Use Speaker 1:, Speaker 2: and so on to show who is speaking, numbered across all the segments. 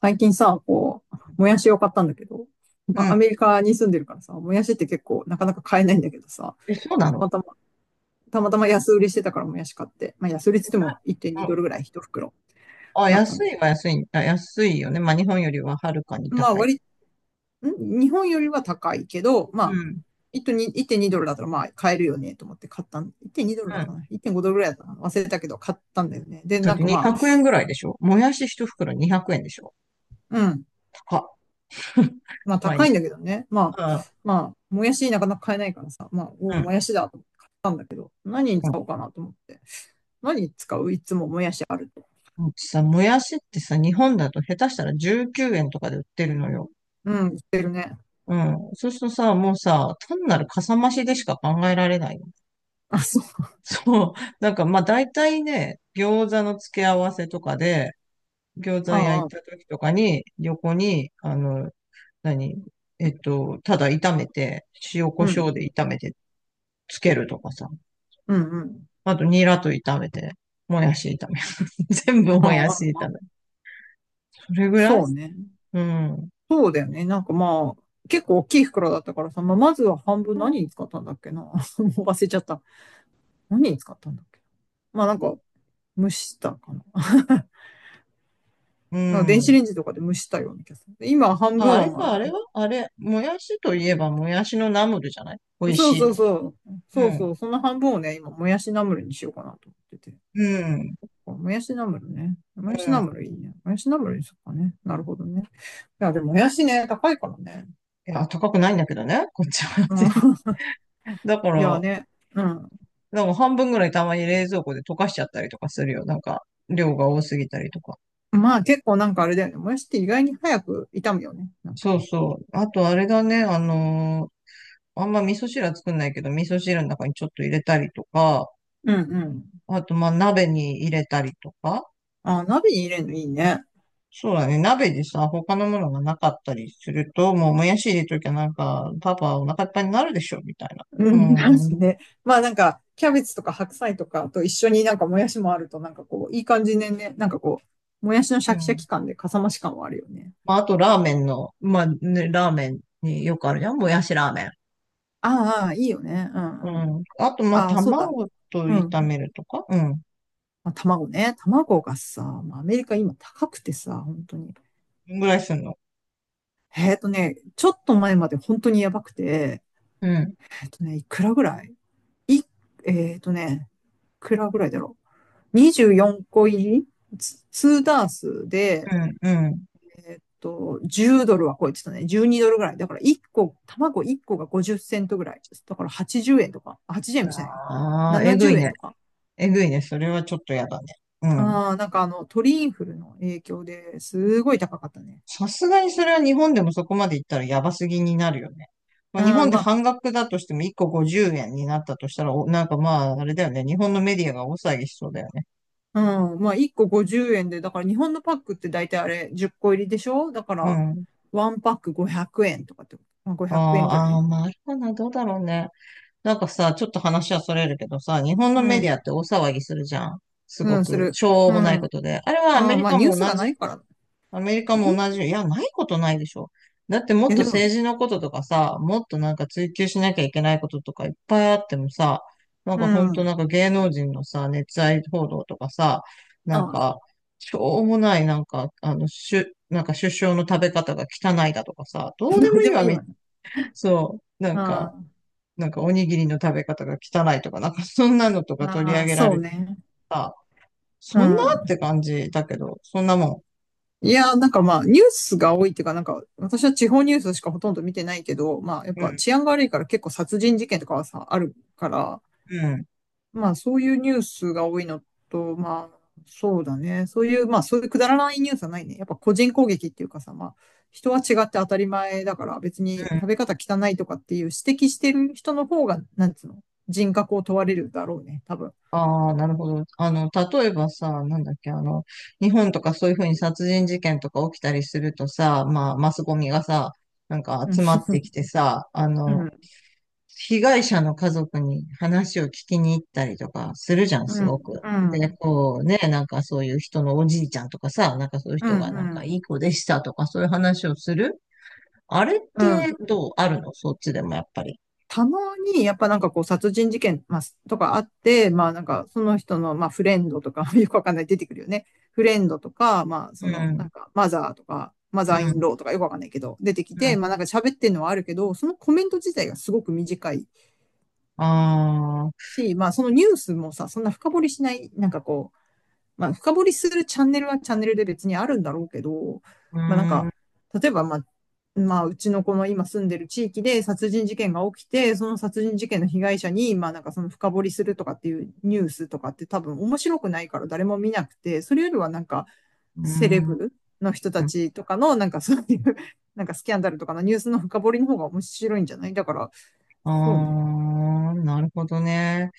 Speaker 1: 最近さ、もやしを買ったんだけど、
Speaker 2: う
Speaker 1: まあ、
Speaker 2: ん。
Speaker 1: アメリカに住んでるからさ、もやしって結構なかなか買えないんだけどさ、
Speaker 2: え、そうな
Speaker 1: た
Speaker 2: の？
Speaker 1: またま、たまたま安売りしてたからもやし買って、まあ、安売りっつっても
Speaker 2: う
Speaker 1: 1.2ド
Speaker 2: ん。
Speaker 1: ルぐらい1袋
Speaker 2: あ、
Speaker 1: だったんだ。
Speaker 2: 安いは安い。あ、安いよね。まあ、日本よりははるかに
Speaker 1: まあ、
Speaker 2: 高い
Speaker 1: 割り、
Speaker 2: け
Speaker 1: ん日本よりは高いけど、ま
Speaker 2: ど。う
Speaker 1: あ、
Speaker 2: ん。
Speaker 1: 1.2ドルだったらまあ買えるよねと思って買ったん。1.2ドルだ
Speaker 2: う
Speaker 1: っ
Speaker 2: ん。
Speaker 1: たかな ?1.5 ドルぐらいだったかな、忘れたけど買ったんだよね。で、
Speaker 2: だっ
Speaker 1: なん
Speaker 2: て
Speaker 1: かまあ、
Speaker 2: 200円ぐらいでしょ？もやし一袋200円でしょ？
Speaker 1: うん。
Speaker 2: 高っ。
Speaker 1: まあ
Speaker 2: まあいい
Speaker 1: 高い
Speaker 2: や。
Speaker 1: んだけどね。ま
Speaker 2: う
Speaker 1: あ、
Speaker 2: ん。
Speaker 1: まあ、もやしなかなか買えないからさ、まあ、お
Speaker 2: う
Speaker 1: う
Speaker 2: ん。
Speaker 1: もやしだと思って買ったんだけど、何に使おうかなと思って。何に使ういつももやしあると。
Speaker 2: うん。うちさ、もやしってさ、日本だと下手したら19円とかで売ってるのよ。
Speaker 1: うん、言ってるね。
Speaker 2: うん。そうするとさ、もうさ、単なるかさ増しでしか考えられないよね。
Speaker 1: あ、そう。
Speaker 2: そう。まあ大体ね、餃子の付け合わせとかで、餃子焼い
Speaker 1: ああ、
Speaker 2: た時とかに、横に、あの、何えっと、ただ炒めて、塩
Speaker 1: う
Speaker 2: コ
Speaker 1: んう
Speaker 2: ショウで
Speaker 1: ん。
Speaker 2: 炒めてつけるとかさ。
Speaker 1: うんうん。
Speaker 2: あと、ニラと炒めて、もやし炒める。全部
Speaker 1: あ、
Speaker 2: もや
Speaker 1: ああ、ああ、
Speaker 2: し炒める。
Speaker 1: あ、
Speaker 2: それぐらい。
Speaker 1: そうね。
Speaker 2: うん。
Speaker 1: そうだよね。なんかまあ、結構大きい袋だったからさ、まあ、まずは半分何に使ったんだっけな。もう忘れちゃった。何に使ったんだっけ。まあなんか、蒸したかな。
Speaker 2: う
Speaker 1: なんか電子
Speaker 2: ん。
Speaker 1: レンジとかで蒸したような気がする。で今半
Speaker 2: あ、
Speaker 1: 分
Speaker 2: あ
Speaker 1: は
Speaker 2: れ
Speaker 1: ま
Speaker 2: か、あ
Speaker 1: あ、
Speaker 2: れはあれ、もやしといえばもやしのナムルじゃない？美味
Speaker 1: そう
Speaker 2: しい
Speaker 1: そう
Speaker 2: の。
Speaker 1: そう。
Speaker 2: う
Speaker 1: そう
Speaker 2: ん。
Speaker 1: そう。その半分をね、今、もやしナムルにしようかなと思ってて。
Speaker 2: うん。
Speaker 1: もやしナムルね。もやし
Speaker 2: うん。
Speaker 1: ナ
Speaker 2: い
Speaker 1: ムルいいね。もやしナムルにしようかね。なるほどね。いや、でももやしね、高いからね。
Speaker 2: や、高くないんだけどね。こっちは
Speaker 1: うん。
Speaker 2: 全然。だか
Speaker 1: いや
Speaker 2: ら、
Speaker 1: ね。うん。
Speaker 2: 半分ぐらいたまに冷蔵庫で溶かしちゃったりとかするよ。量が多すぎたりとか。
Speaker 1: まあ結構なんかあれだよね。もやしって意外に早く炒むよね。なんか。
Speaker 2: そうそう。あと、あれだね、あんま味噌汁は作んないけど、味噌汁の中にちょっと入れたりとか、
Speaker 1: うんうん。
Speaker 2: あと、まあ、鍋に入れたりとか。
Speaker 1: あ、鍋に入れるのいいね。
Speaker 2: そうだね、鍋でさ、他のものがなかったりすると、もう、もやし入れときゃなんか、パパお腹いっぱいになるでしょ、みたいな。
Speaker 1: う
Speaker 2: う
Speaker 1: ん、なん
Speaker 2: ん、う
Speaker 1: す
Speaker 2: ん。
Speaker 1: ね。まあなんか、キャベツとか白菜とかと一緒になんかもやしもあると、なんかこう、いい感じでね、なんかこう、もやしのシ
Speaker 2: う
Speaker 1: ャキシャ
Speaker 2: ん。
Speaker 1: キ感でかさ増し感はあるよね。
Speaker 2: まあ、あと、ラーメンの、まあ、ね、ラーメンによくあるじゃん、もやしラーメン。
Speaker 1: ああ、ああ、いいよね。う
Speaker 2: う
Speaker 1: んう
Speaker 2: ん。
Speaker 1: ん。
Speaker 2: あと、まあ、
Speaker 1: ああ、そうだ。
Speaker 2: 卵と
Speaker 1: う
Speaker 2: 炒
Speaker 1: ん。
Speaker 2: めるとか、うん。
Speaker 1: まあ、卵ね。卵がさ、まあ、アメリカ今高くてさ、本当に。
Speaker 2: ぐらいすんの？
Speaker 1: えっとね、ちょっと前まで本当にやばくて、
Speaker 2: うん、
Speaker 1: えっとね、いくらぐらいい、えっとね、いくらぐらいだろう。24個入り、ツ2ダース
Speaker 2: う
Speaker 1: で、
Speaker 2: ん、うん。
Speaker 1: えっと、10ドルは超えてたね。12ドルぐらい。だから1個、卵1個が50セントぐらい。だから80円とか。あ、80円もしないよ。
Speaker 2: ああ、えぐ
Speaker 1: 70
Speaker 2: い
Speaker 1: 円
Speaker 2: ね。
Speaker 1: とか。
Speaker 2: えぐいね。それはちょっとやだね。うん。
Speaker 1: ああ、なんかあの、鳥インフルの影響ですごい高かったね。
Speaker 2: さすがにそれは日本でもそこまで行ったらやばすぎになるよね。ま
Speaker 1: う
Speaker 2: あ、日本
Speaker 1: ん、
Speaker 2: で
Speaker 1: まあ、
Speaker 2: 半額だとしても1個50円になったとしたら、お、なんかまあ、あれだよね。日本のメディアが大騒ぎしそうだよね。
Speaker 1: うん、まあ、1個50円で、だから日本のパックって大体あれ10個入りでしょ、だか
Speaker 2: う
Speaker 1: ら、
Speaker 2: ん。
Speaker 1: ワンパック500円とかって、まあ、
Speaker 2: あ
Speaker 1: 500円ぐら
Speaker 2: ー、
Speaker 1: い。
Speaker 2: あー、まあ、あれかな。どうだろうね。なんかさ、ちょっと話はそれるけどさ、日本の
Speaker 1: う
Speaker 2: メディ
Speaker 1: ん、
Speaker 2: アって大騒ぎするじゃん。す
Speaker 1: う
Speaker 2: ご
Speaker 1: ん、す
Speaker 2: く、
Speaker 1: る。
Speaker 2: しょ
Speaker 1: う
Speaker 2: うもない
Speaker 1: ん。
Speaker 2: ことで。あれはア
Speaker 1: あ
Speaker 2: メ
Speaker 1: あ、
Speaker 2: リ
Speaker 1: まあ、
Speaker 2: カ
Speaker 1: ニュー
Speaker 2: も
Speaker 1: ス
Speaker 2: 同
Speaker 1: がな
Speaker 2: じ？
Speaker 1: いから。い
Speaker 2: アメリカも同じ。いや、ないことないでしょ。だってもっ
Speaker 1: や、
Speaker 2: と
Speaker 1: でも、
Speaker 2: 政治のこととかさ、もっとなんか追求しなきゃいけないこととかいっぱいあってもさ、なん
Speaker 1: う
Speaker 2: かほんと
Speaker 1: ん。
Speaker 2: なんか芸能人のさ、熱愛報道とかさ、
Speaker 1: あ
Speaker 2: なん
Speaker 1: あ、
Speaker 2: か、しょうもないなんか首相の食べ方が汚いだとかさ、ど う
Speaker 1: ど
Speaker 2: で
Speaker 1: う
Speaker 2: もいい
Speaker 1: でも
Speaker 2: わ、
Speaker 1: いいわね。
Speaker 2: そう、
Speaker 1: うん。あ
Speaker 2: なんかおにぎりの食べ方が汚いとか、なんかそんなのとか取り上
Speaker 1: あ、
Speaker 2: げら
Speaker 1: そ
Speaker 2: れ
Speaker 1: う
Speaker 2: て
Speaker 1: ね。
Speaker 2: さ、
Speaker 1: う
Speaker 2: そんなっ
Speaker 1: ん。
Speaker 2: て感じだけど、そんなも
Speaker 1: いやー、なんかまあ、ニュースが多いっていうか、なんか、私は地方ニュースしかほとんど見てないけど、まあ、やっ
Speaker 2: ん。う
Speaker 1: ぱ
Speaker 2: ん、
Speaker 1: 治安が悪いから結構殺人事件とかはさ、あるから、
Speaker 2: うん、
Speaker 1: まあ、そういうニュースが多いのと、まあ、そうだね。そういう、まあ、そういうくだらないニュースはないね。やっぱ個人攻撃っていうかさ、まあ、人は違って当たり前だから、別に
Speaker 2: う
Speaker 1: 食
Speaker 2: ん。
Speaker 1: べ方汚いとかっていう指摘してる人の方が、なんつうの、人格を問われるだろうね、多分。
Speaker 2: ああ、なるほど。あの、例えばさ、なんだっけ、あの、日本とかそういうふうに殺人事件とか起きたりするとさ、まあ、マスゴミがさ、なんか
Speaker 1: うん。
Speaker 2: 集まってきてさ、あ
Speaker 1: う
Speaker 2: の、
Speaker 1: ん。
Speaker 2: 被害者の家族に話を聞きに行ったりとかするじゃん、
Speaker 1: う
Speaker 2: すご
Speaker 1: ん。
Speaker 2: く。
Speaker 1: う
Speaker 2: で、
Speaker 1: ん。
Speaker 2: こうね、なんかそういう人のおじいちゃんとかさ、なんかそういう
Speaker 1: うん。
Speaker 2: 人がなん
Speaker 1: う
Speaker 2: か
Speaker 1: ん。
Speaker 2: いい子でしたとかそういう話をする、あれっ
Speaker 1: うん。
Speaker 2: てどうある？のそっちでもやっぱり。
Speaker 1: たまに、やっぱなんかこう、殺人事件、まあ、とかあって、まあなんか、その人の、まあフレンドとか、よくわかんない、出てくるよね。フレンドとか、まあそ
Speaker 2: う
Speaker 1: の、な
Speaker 2: ん、
Speaker 1: んか、マザーとか、マ
Speaker 2: う
Speaker 1: ザーイン
Speaker 2: ん、
Speaker 1: ローとかよくわかんないけど、出てき
Speaker 2: う
Speaker 1: て、
Speaker 2: ん。
Speaker 1: まあなんか喋ってるのはあるけど、そのコメント自体がすごく短い
Speaker 2: ああ、う
Speaker 1: し、まあそのニュースもさ、そんな深掘りしない、なんか、まあ、深掘りするチャンネルはチャンネルで別にあるんだろうけど、
Speaker 2: ー
Speaker 1: まあなん
Speaker 2: ん、
Speaker 1: か、
Speaker 2: う
Speaker 1: 例えばまあ、まあ、うちのこの今住んでる地域で殺人事件が起きて、その殺人事件の被害者に、まあなんかその深掘りするとかっていうニュースとかって多分面白くないから誰も見なくて、それよりはなんか
Speaker 2: ー
Speaker 1: セレ
Speaker 2: ん。
Speaker 1: ブの人たちとかのなんかそういうなんかスキャンダルとかのニュースの深掘りの方が面白いんじゃない、だから、そうね。
Speaker 2: あー、なるほどね。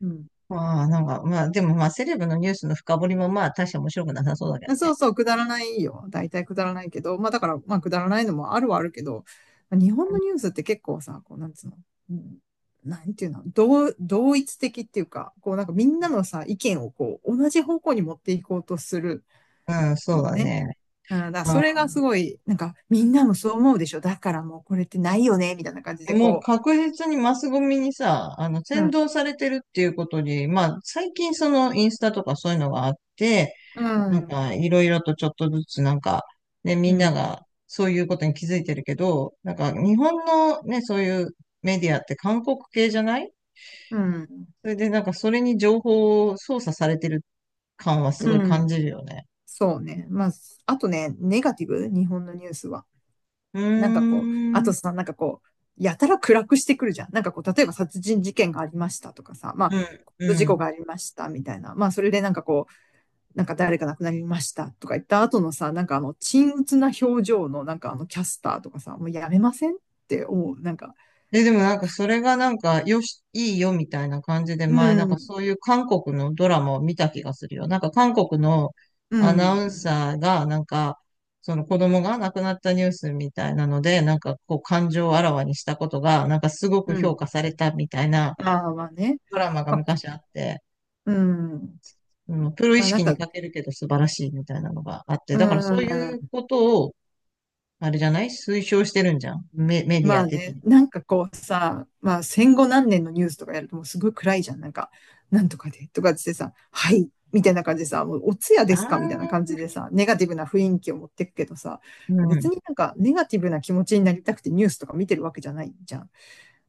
Speaker 1: うん。
Speaker 2: まあ、なんか、まあ、でもまあ、セレブのニュースの深掘りもまあ、大して面白くなさそうだけど
Speaker 1: そ
Speaker 2: ね。
Speaker 1: うそう、くだらないよ。大体くだらないけど、まあだから、まあくだらないのもあるはあるけど、まあ日本のニュースって結構さ、こう、なんつうの、うん、なんていうの、同一的っていうか、こうなんかみんなのさ、意見をこう、同じ方向に持っていこうとする
Speaker 2: うん、そう
Speaker 1: よ
Speaker 2: だ
Speaker 1: ね。
Speaker 2: ね。
Speaker 1: うん、だからそ
Speaker 2: まあ、
Speaker 1: れがすごい、なんかみんなもそう思うでしょ。だからもうこれってないよね、みたいな感じで
Speaker 2: もう
Speaker 1: こ
Speaker 2: 確実にマスゴミにさ、あの、
Speaker 1: う、う
Speaker 2: 扇
Speaker 1: ん、
Speaker 2: 動されてるっていうことに、まあ、最近そのインスタとかそういうのがあって、
Speaker 1: うん、
Speaker 2: いろいろとちょっとずつなんか、ね、み
Speaker 1: う
Speaker 2: んな
Speaker 1: ん、
Speaker 2: がそういうことに気づいてるけど、なんか、日本のね、そういうメディアって韓国系じゃない？
Speaker 1: うん、
Speaker 2: それでなんか、それに情報を操作されてる感はす
Speaker 1: う
Speaker 2: ごい
Speaker 1: ん、
Speaker 2: 感じるよね。
Speaker 1: そうね。まあ、あとね、ネガティブ、日本のニュースは。
Speaker 2: う
Speaker 1: なんか
Speaker 2: ーん、
Speaker 1: こう、あ
Speaker 2: うん、
Speaker 1: とさ、なんかこう、やたら暗くしてくるじゃん。なんかこう、例えば殺人事件がありましたとかさ、まあ、
Speaker 2: う
Speaker 1: 事故
Speaker 2: ん。
Speaker 1: がありましたみたいな。まあ、それでなんかこう、なんか誰か亡くなりましたとか言った後のさ、なんかあの、沈鬱な表情のなんかあの、キャスターとかさ、もうやめませんって思う。なんか、
Speaker 2: でもなんかそれがなんかよし、いいよみたいな感じで
Speaker 1: う
Speaker 2: 前なんか
Speaker 1: ん、
Speaker 2: そういう韓国のドラマを見た気がするよ。なんか韓国の
Speaker 1: う
Speaker 2: アナ
Speaker 1: ん、
Speaker 2: ウンサーがなんかその子供が亡くなったニュースみたいなのでなんかこう感情をあらわにしたことがなんかすごく
Speaker 1: う
Speaker 2: 評
Speaker 1: ん。
Speaker 2: 価されたみたいな
Speaker 1: ああ、まあね。
Speaker 2: ドラマが
Speaker 1: まあ、
Speaker 2: 昔あって、
Speaker 1: うん。
Speaker 2: うん、プロ意
Speaker 1: まあなん
Speaker 2: 識に
Speaker 1: か、
Speaker 2: 欠けるけど素晴らしいみたいなのがあって、
Speaker 1: う
Speaker 2: だからそういう
Speaker 1: ん。
Speaker 2: ことをあれじゃない、推奨してるんじゃん。メディ
Speaker 1: ま
Speaker 2: ア
Speaker 1: あ
Speaker 2: 的
Speaker 1: ね、
Speaker 2: に。
Speaker 1: なんかこうさ、まあ戦後何年のニュースとかやるともうすごい暗いじゃん。なんか、なんとかでとかってさ、はい、みたいな感じでさ、もうお通夜
Speaker 2: あ
Speaker 1: ですかみたいな
Speaker 2: あ、
Speaker 1: 感じでさ、ネガティブな雰囲気を持ってくけどさ、
Speaker 2: う
Speaker 1: 別
Speaker 2: ん、
Speaker 1: になんかネガティブな気持ちになりたくてニュースとか見てるわけじゃないじゃん。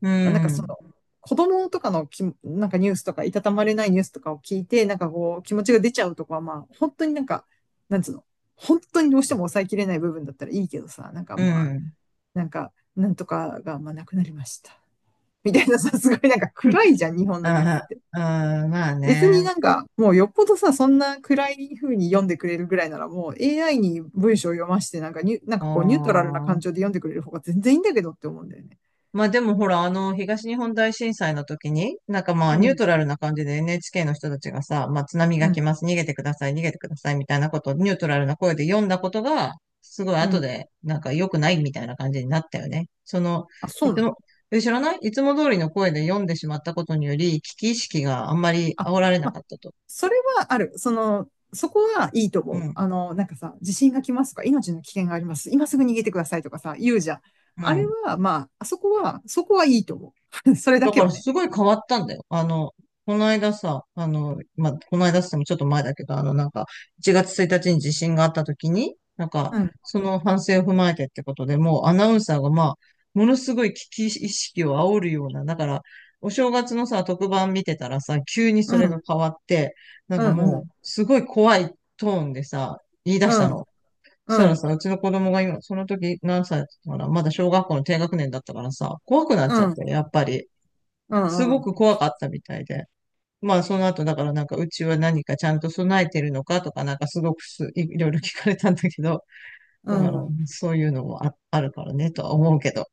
Speaker 2: う
Speaker 1: まあ、なんかそ
Speaker 2: ん、
Speaker 1: の、子供とかのき、なんかニュースとか、いたたまれないニュースとかを聞いて、なんかこう、気持ちが出ちゃうとかは、まあ、本当になんか、なんつうの、本当にどうしても抑えきれない部分だったらいいけどさ、なんか
Speaker 2: う
Speaker 1: まあ、
Speaker 2: ん。
Speaker 1: なんか、なんとかが、まあ、なくなりました。みたいなさ、すごいなんか暗いじゃん、日本のニュースっ
Speaker 2: あ
Speaker 1: て。
Speaker 2: あ、ああまあ
Speaker 1: 別に
Speaker 2: ね。
Speaker 1: なんか、もうよっぽどさ、そんな暗い風に読んでくれるぐらいなら、もう AI に文章を読まして、なんかニュ、なん
Speaker 2: あ
Speaker 1: かこうニュートラルな感情
Speaker 2: あ。
Speaker 1: で読んでくれる方が全然いいんだけどって思うんだよね。
Speaker 2: まあでもほら、あの、東日本大震災の時に、なんかまあ
Speaker 1: う
Speaker 2: ニュー
Speaker 1: ん、
Speaker 2: トラルな感じで NHK の人たちがさ、まあ津波
Speaker 1: う
Speaker 2: が来
Speaker 1: ん、
Speaker 2: ます、逃げてください、逃げてくださいみたいなことをニュートラルな声で読んだことが、すごい
Speaker 1: う
Speaker 2: 後
Speaker 1: ん。
Speaker 2: で、なんか良くないみたいな感じになったよね。その、
Speaker 1: あ、そ
Speaker 2: い
Speaker 1: うな
Speaker 2: つ
Speaker 1: の？
Speaker 2: も、え、知らない、いつも通りの声で読んでしまったことにより、危機意識があんまり
Speaker 1: あ、
Speaker 2: 煽られな
Speaker 1: まあ、
Speaker 2: かったと。
Speaker 1: それはある。その、そこはいいと
Speaker 2: う
Speaker 1: 思う。
Speaker 2: ん、
Speaker 1: あの、なんかさ、地震が来ますとか、命の危険があります。今すぐ逃げてくださいとかさ、言うじゃん。
Speaker 2: う
Speaker 1: あれ
Speaker 2: ん。
Speaker 1: は、まあ、あそこは、そこはいいと思う。それだ
Speaker 2: だ
Speaker 1: け
Speaker 2: から
Speaker 1: はね。
Speaker 2: すごい変わったんだよ。あの、この間さ、あの、まあ、この間っつってもちょっと前だけど、あの、なんか、1月1日に地震があった時に、なんか、
Speaker 1: うん、
Speaker 2: その反省を踏まえてってことでもうアナウンサーが、まあ、ものすごい危機意識を煽るような、だから、お正月のさ、特番見てたらさ、急に
Speaker 1: う
Speaker 2: それが
Speaker 1: ん、
Speaker 2: 変わって、なん
Speaker 1: う
Speaker 2: か
Speaker 1: ん、う
Speaker 2: もう、
Speaker 1: ん、
Speaker 2: すごい怖いトーンでさ、言い出
Speaker 1: う
Speaker 2: した
Speaker 1: ん、
Speaker 2: の。そし
Speaker 1: う
Speaker 2: たら
Speaker 1: ん、
Speaker 2: さ、うちの子供が今、その時何歳だったかな、まだ小学校の低学年だったからさ、怖くなっ
Speaker 1: う
Speaker 2: ちゃっ
Speaker 1: ん、
Speaker 2: て、やっぱり。
Speaker 1: う
Speaker 2: す
Speaker 1: ん、う
Speaker 2: ご
Speaker 1: ん。
Speaker 2: く怖かったみたいで。まあ、その後、だからなんか、うちは何かちゃんと備えてるのかとか、なんかすごくすい、いろいろ聞かれたんだけど、
Speaker 1: う
Speaker 2: だから、
Speaker 1: ん、
Speaker 2: そういうのもあ、あるからね、とは思うけど。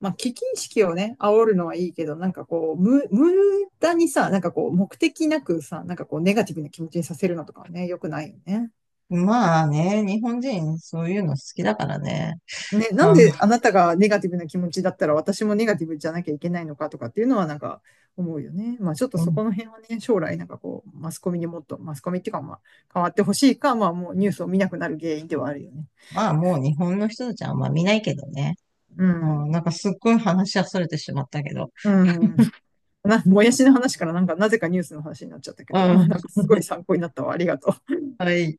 Speaker 1: まあ、危機意識をね、煽るのはいいけど、なんかこう、無駄にさ、なんかこう、目的なくさ、なんかこう、ネガティブな気持ちにさせるのとかはね、良くないよね。
Speaker 2: まあね、日本人、そういうの好きだからね。
Speaker 1: ね、なん
Speaker 2: あ、
Speaker 1: であなたがネガティブな気持ちだったら私もネガティブじゃなきゃいけないのかとかっていうのはなんか思うよね。まあちょっと
Speaker 2: う
Speaker 1: そ
Speaker 2: ん、
Speaker 1: この辺はね、将来なんかこう、マスコミにもっと、マスコミっていうかまあ、変わってほしいか、まあもうニュースを見なくなる原因ではあるよね。
Speaker 2: まあ、もう日本の人たちはあんま見ないけどね。
Speaker 1: う
Speaker 2: うん、な
Speaker 1: ん。
Speaker 2: んかすっごい話しそれてしまったけど。
Speaker 1: うん。な、もやしの話からなんかなぜかニュースの話になっちゃったけ
Speaker 2: う
Speaker 1: ど、まあ
Speaker 2: ん。
Speaker 1: なんかすごい 参考になったわ。ありがとう。
Speaker 2: はい。